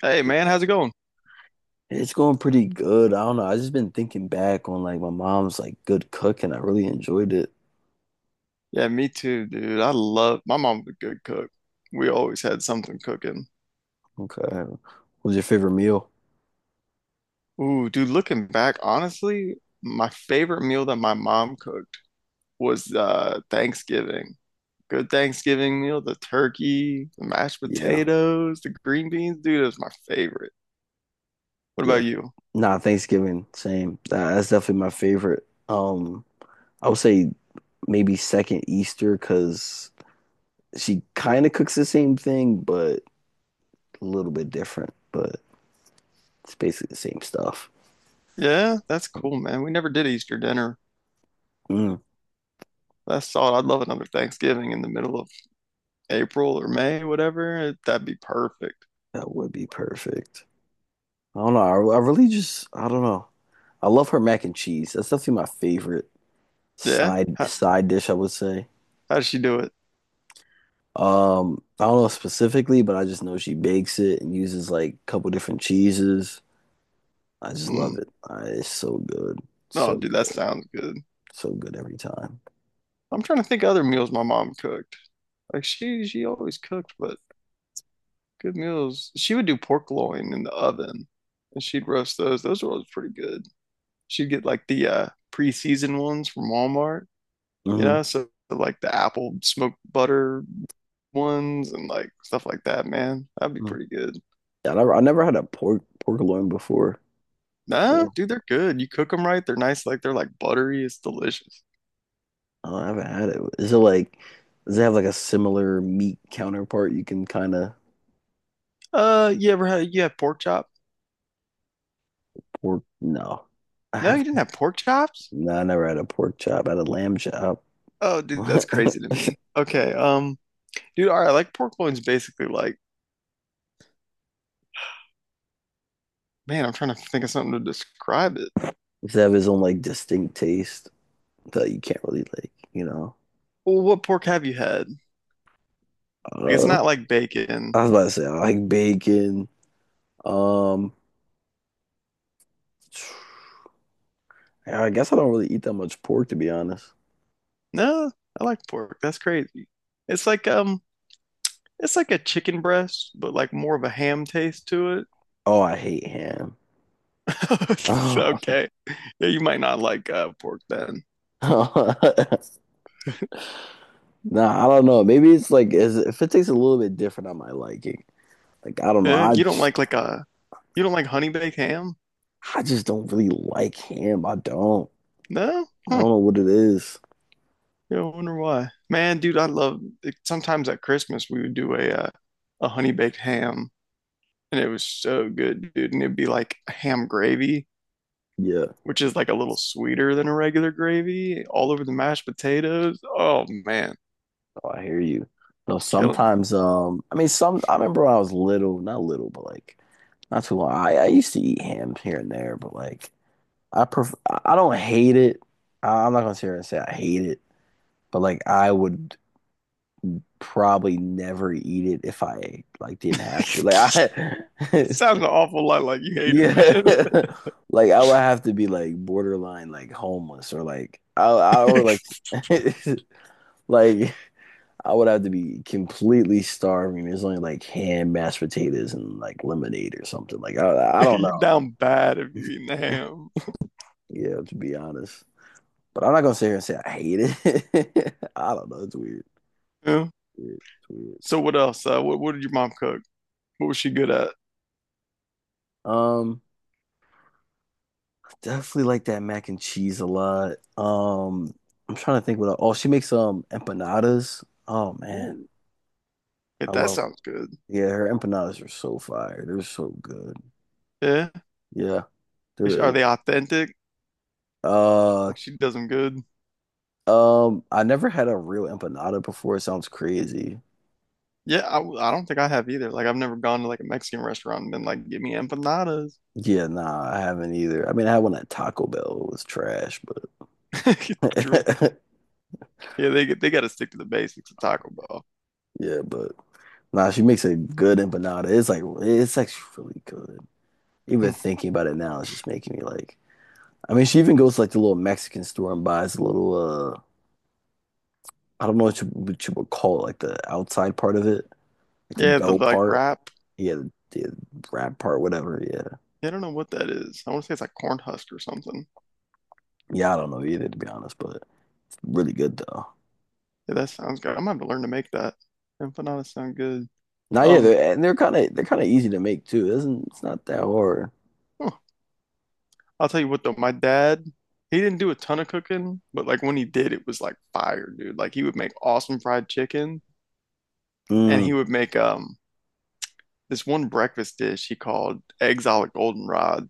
Hey man, how's it going? It's going pretty good. I don't know. I just been thinking back on like my mom's like good cook and I really enjoyed it. Yeah, me too, dude. I love my mom's a good cook. We always had something cooking. Okay. What was your favorite meal? Ooh, dude, looking back, honestly, my favorite meal that my mom cooked was Thanksgiving. Good Thanksgiving meal, the turkey, the mashed Yeah. potatoes, the green beans, dude, it was my favorite. What Yeah. about you? Nah, Thanksgiving, same. Nah, that's definitely my favorite. I would say maybe second Easter because she kind of cooks the same thing, but a little bit different. But it's basically the same stuff. Yeah, that's cool, man. We never did Easter dinner. Mm, That's solid. I'd love another Thanksgiving in the middle of April or May, whatever. That'd be perfect. that would be perfect. I don't know. I really just, I don't know. I love her mac and cheese. That's definitely my favorite Yeah? side side dish, I would say. How does she do it? I don't know specifically, but I just know she bakes it and uses like a couple different cheeses. I just love Mm. it. I, it's so good, No, so dude, that good, sounds good. so good every time. I'm trying to think of other meals my mom cooked. Like she always cooked, but good meals. She would do pork loin in the oven and she'd roast those. Those were always pretty good. She'd get like the pre-seasoned ones from Walmart, you Hmm. know, so like the apple smoked butter ones and like stuff like that, man. That'd be pretty good. Yeah, I never had a pork loin before. Nah, No, dude, they're good. You cook them right, they're nice, like they're like buttery. It's delicious. I haven't had it. Is it like, does it have like a similar meat counterpart you can kind of You had pork chop? pork? No, I No, have. you didn't have pork chops? No, I never had a pork chop. I had a lamb chop. Oh, dude, that's crazy to Does me. Okay, dude, all right, like pork loin's basically like, man, I'm trying to think of something to describe it. it have his own like distinct taste that you can't really like, you know. Well, what pork have you had? Like, it's Uh, not like bacon. I was about to say I like bacon. Um, I guess I don't really eat that much pork to be honest. No, I like pork. That's crazy. It's like um, it's like a chicken breast, but like more of a ham taste to it. Oh, I hate ham. Nah, Okay, yeah, you might not like pork then. I don't know. Maybe it's like is if it tastes a little bit different on my liking. Like I don't know. Yeah, you don't like a you don't like honey baked ham? I just don't really like ham. I don't. No? I Hmm. don't know what it is. Yeah, I wonder why. Man, dude, I love like, sometimes at Christmas we would do a honey baked ham and it was so good, dude. And it'd be like ham gravy, Yeah. which is like a little sweeter than a regular gravy, all over the mashed potatoes. Oh man, Oh, I hear you. No, killing sometimes I mean some I remember when I was little, not little, but like not too long. I used to eat ham here and there, but like I pref I don't hate it. I, I'm not gonna sit here and say I hate it, but like I would probably never eat it if I like me. didn't have to. Like I, That sounds an awful lot like you hate it, yeah, man. like I would have to be like borderline like homeless or like I or like like I would have to be completely starving. There's only like ham, mashed potatoes, and like lemonade or something. Like I don't You know. down bad if you eating the ham. Yeah, to be honest. But I'm not gonna sit here and say I hate it. I don't know. It's weird. Yeah. It's weird. So what else? What did your mom cook? What was she good at? Um, Definitely like that mac and cheese a lot. I'm trying to think what. Oh, she makes empanadas. Oh man, Ooh, yeah, I that love. sounds good. Yeah, her empanadas are so fire. They're so good. Yeah. Yeah, Is she- are they're. they authentic? Uh, Like she does them good. I never had a real empanada before. It sounds crazy. Yeah, I, w- I don't think I have either. Like I've never gone to like a Mexican restaurant and been like, "Give me empanadas." Yeah, nah, I haven't either. I mean, I had one at Taco Bell. It was trash, but True. Yeah, they get- they got to stick to the basics of Taco Bell. yeah, but nah, she makes a good empanada. It's like it's actually really good. Even Hmm. thinking about it now, it's just making me like. I mean, she even goes to like the little Mexican store and buys a little. I don't know what you would call it, like the outside part of it, like the Yeah, the dough like part. wrap. Yeah, the wrap part, whatever. Yeah, Yeah, I don't know what that is. I want to say it's like corn husk or something. yeah. I don't know either, to be honest, but it's really good though. Yeah, that sounds good. I'm gonna have to learn to make that. Empanadas sound good. Now, Um, and they're they're kind of easy to make too. It's not that hard. huh. I'll tell you what though, my dad, he didn't do a ton of cooking, but like when he did, it was like fire, dude. Like he would make awesome fried chicken, and he Mm, would make this one breakfast dish he called eggs a la goldenrod.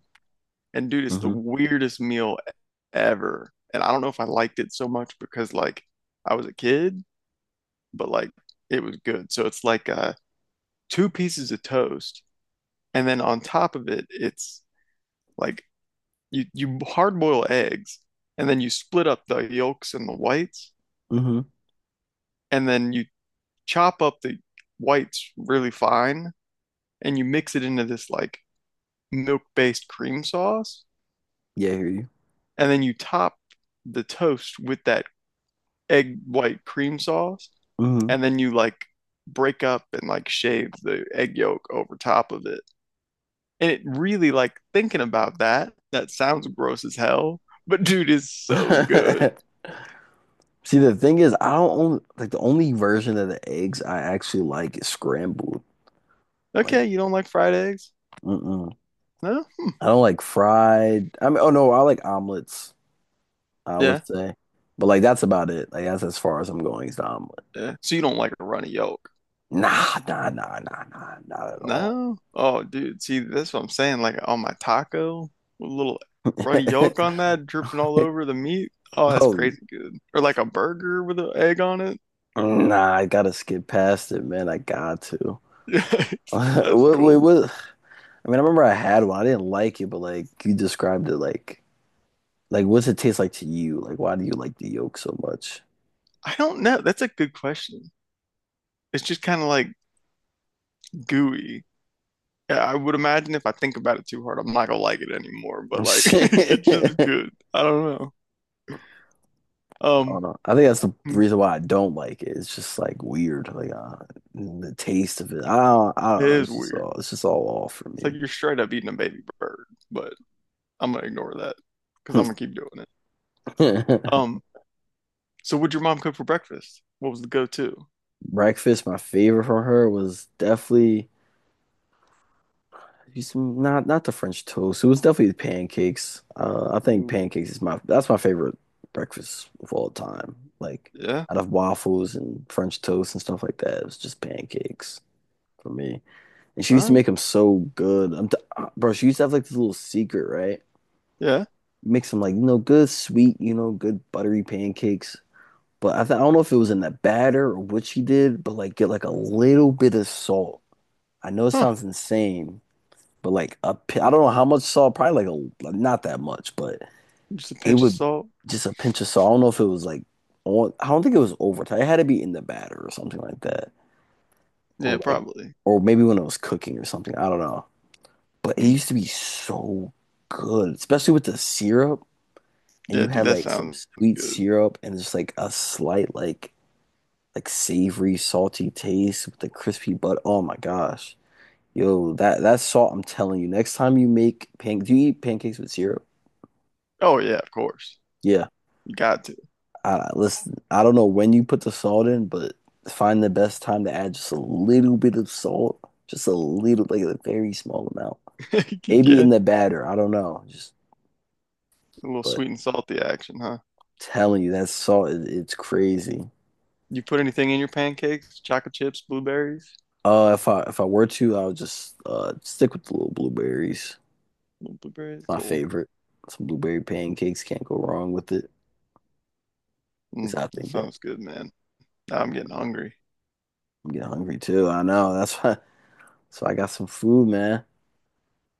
And dude, it's the mm-hmm, weirdest meal ever. And I don't know if I liked it so much because like I was a kid, but like it was good. So it's like two pieces of toast and then on top of it it's like you hard boil eggs and then you split up the yolks and the whites mm-hmm. and then you chop up the whites really fine and you mix it into this like milk-based cream sauce Yeah, I hear you. and then you top the toast with that egg white cream sauce and then you like break up and like shave the egg yolk over top of it. And it really like thinking about that, that sounds gross as hell, but dude is so good. Mm-hmm. See, the thing is, I don't own, like the only version of the eggs I actually like is scrambled. Like, Okay, you don't like fried eggs? mm-mm. No? Hmm. I don't like fried. I mean, oh no, I like omelets, I Yeah, would say. But like that's about it. Like that's as far as I'm going is the omelet. yeah. So you don't like a runny yolk? Nah, nah, nah, nah, nah, not at all. No? Oh, dude, see, that's what I'm saying. Like on my taco, with a little runny yolk on that, dripping all over the meat. Oh, that's Oh, crazy good. Or like a burger with an egg on it. nah, I gotta skip past it, man. I got to. Yes, that's What, wait, cool. what? I mean, I remember I had one. I didn't like it, but like you described it, like what's it taste like to you? Like, why do you like the yolk so much? I don't know. That's a good question. It's just kind of like gooey. Yeah, I would imagine if I think about it too hard, I'm not gonna like it anymore. But like, it's Hold just good. I don't know. Um, on. I think that's the hmm, reason why I don't like it. It's just like weird, like the taste of it. I it don't know. is weird. It's just all off for It's like you're straight up eating a baby bird, but I'm gonna ignore that because I'm gonna keep doing it. me. Um, so what'd your mom cook for breakfast? What was the go-to? Breakfast, my favorite from her was definitely it's not not the French toast. It was definitely the pancakes. I think Ooh, pancakes is my that's my favorite breakfast of all time. Like yeah, out of waffles and French toast and stuff like that, it was just pancakes for me. And she all used to make right, them so good. I'm t bro, she used to have like this little secret, right? yeah, Mix them like, you know, good sweet, you know, good buttery pancakes. But I don't know if it was in the batter or what she did, but like get like a little bit of salt. I know it huh? sounds insane, but I don't know how much salt, probably like a not that much, but Just a it pinch of would salt. just a pinch of salt. I don't know if it was like on, I don't think it was overtime. It had to be in the batter or something like that, Yeah, or like, probably. or maybe when it was cooking or something. I don't know. But it Hmm. used to be so good, especially with the syrup. And you Yeah, dude, had that like some sounds sweet good. syrup and just like a slight like savory, salty taste with the crispy butt. Oh my gosh. Yo, that salt, I'm telling you, next time you make pancakes, do you eat pancakes with syrup? Oh yeah, of course. Yeah. You got to. I listen, I don't know when you put the salt in, but find the best time to add just a little bit of salt. Just a little, like a very small amount. Maybe Yeah, in the batter. I don't know. Just a little but sweet and salty action, huh? telling you that salt is it's crazy. You put anything in your pancakes? Chocolate chips, blueberries? If I were to, I would just stick with the little blueberries. No It's blueberries? my Cool. favorite. Some blueberry pancakes can't go wrong with it. Cause Mm, I that think that sounds good, man. Now I'm getting hungry. I'm getting hungry too. I know that's why. So I got some food, man.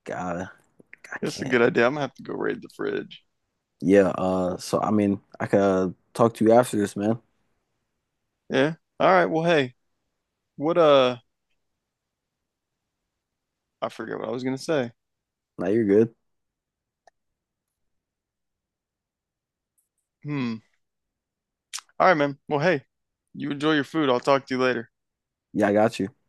Gotta. I That's a can't. good idea. I'm gonna have to go raid the fridge. Yeah. So I mean, I could talk to you after this, man. Yeah. All right. Well, hey, what, uh, I forget what I was gonna say. Now you're good. Hmm. All right, man. Well, hey, you enjoy your food. I'll talk to you later. Yeah, I got you.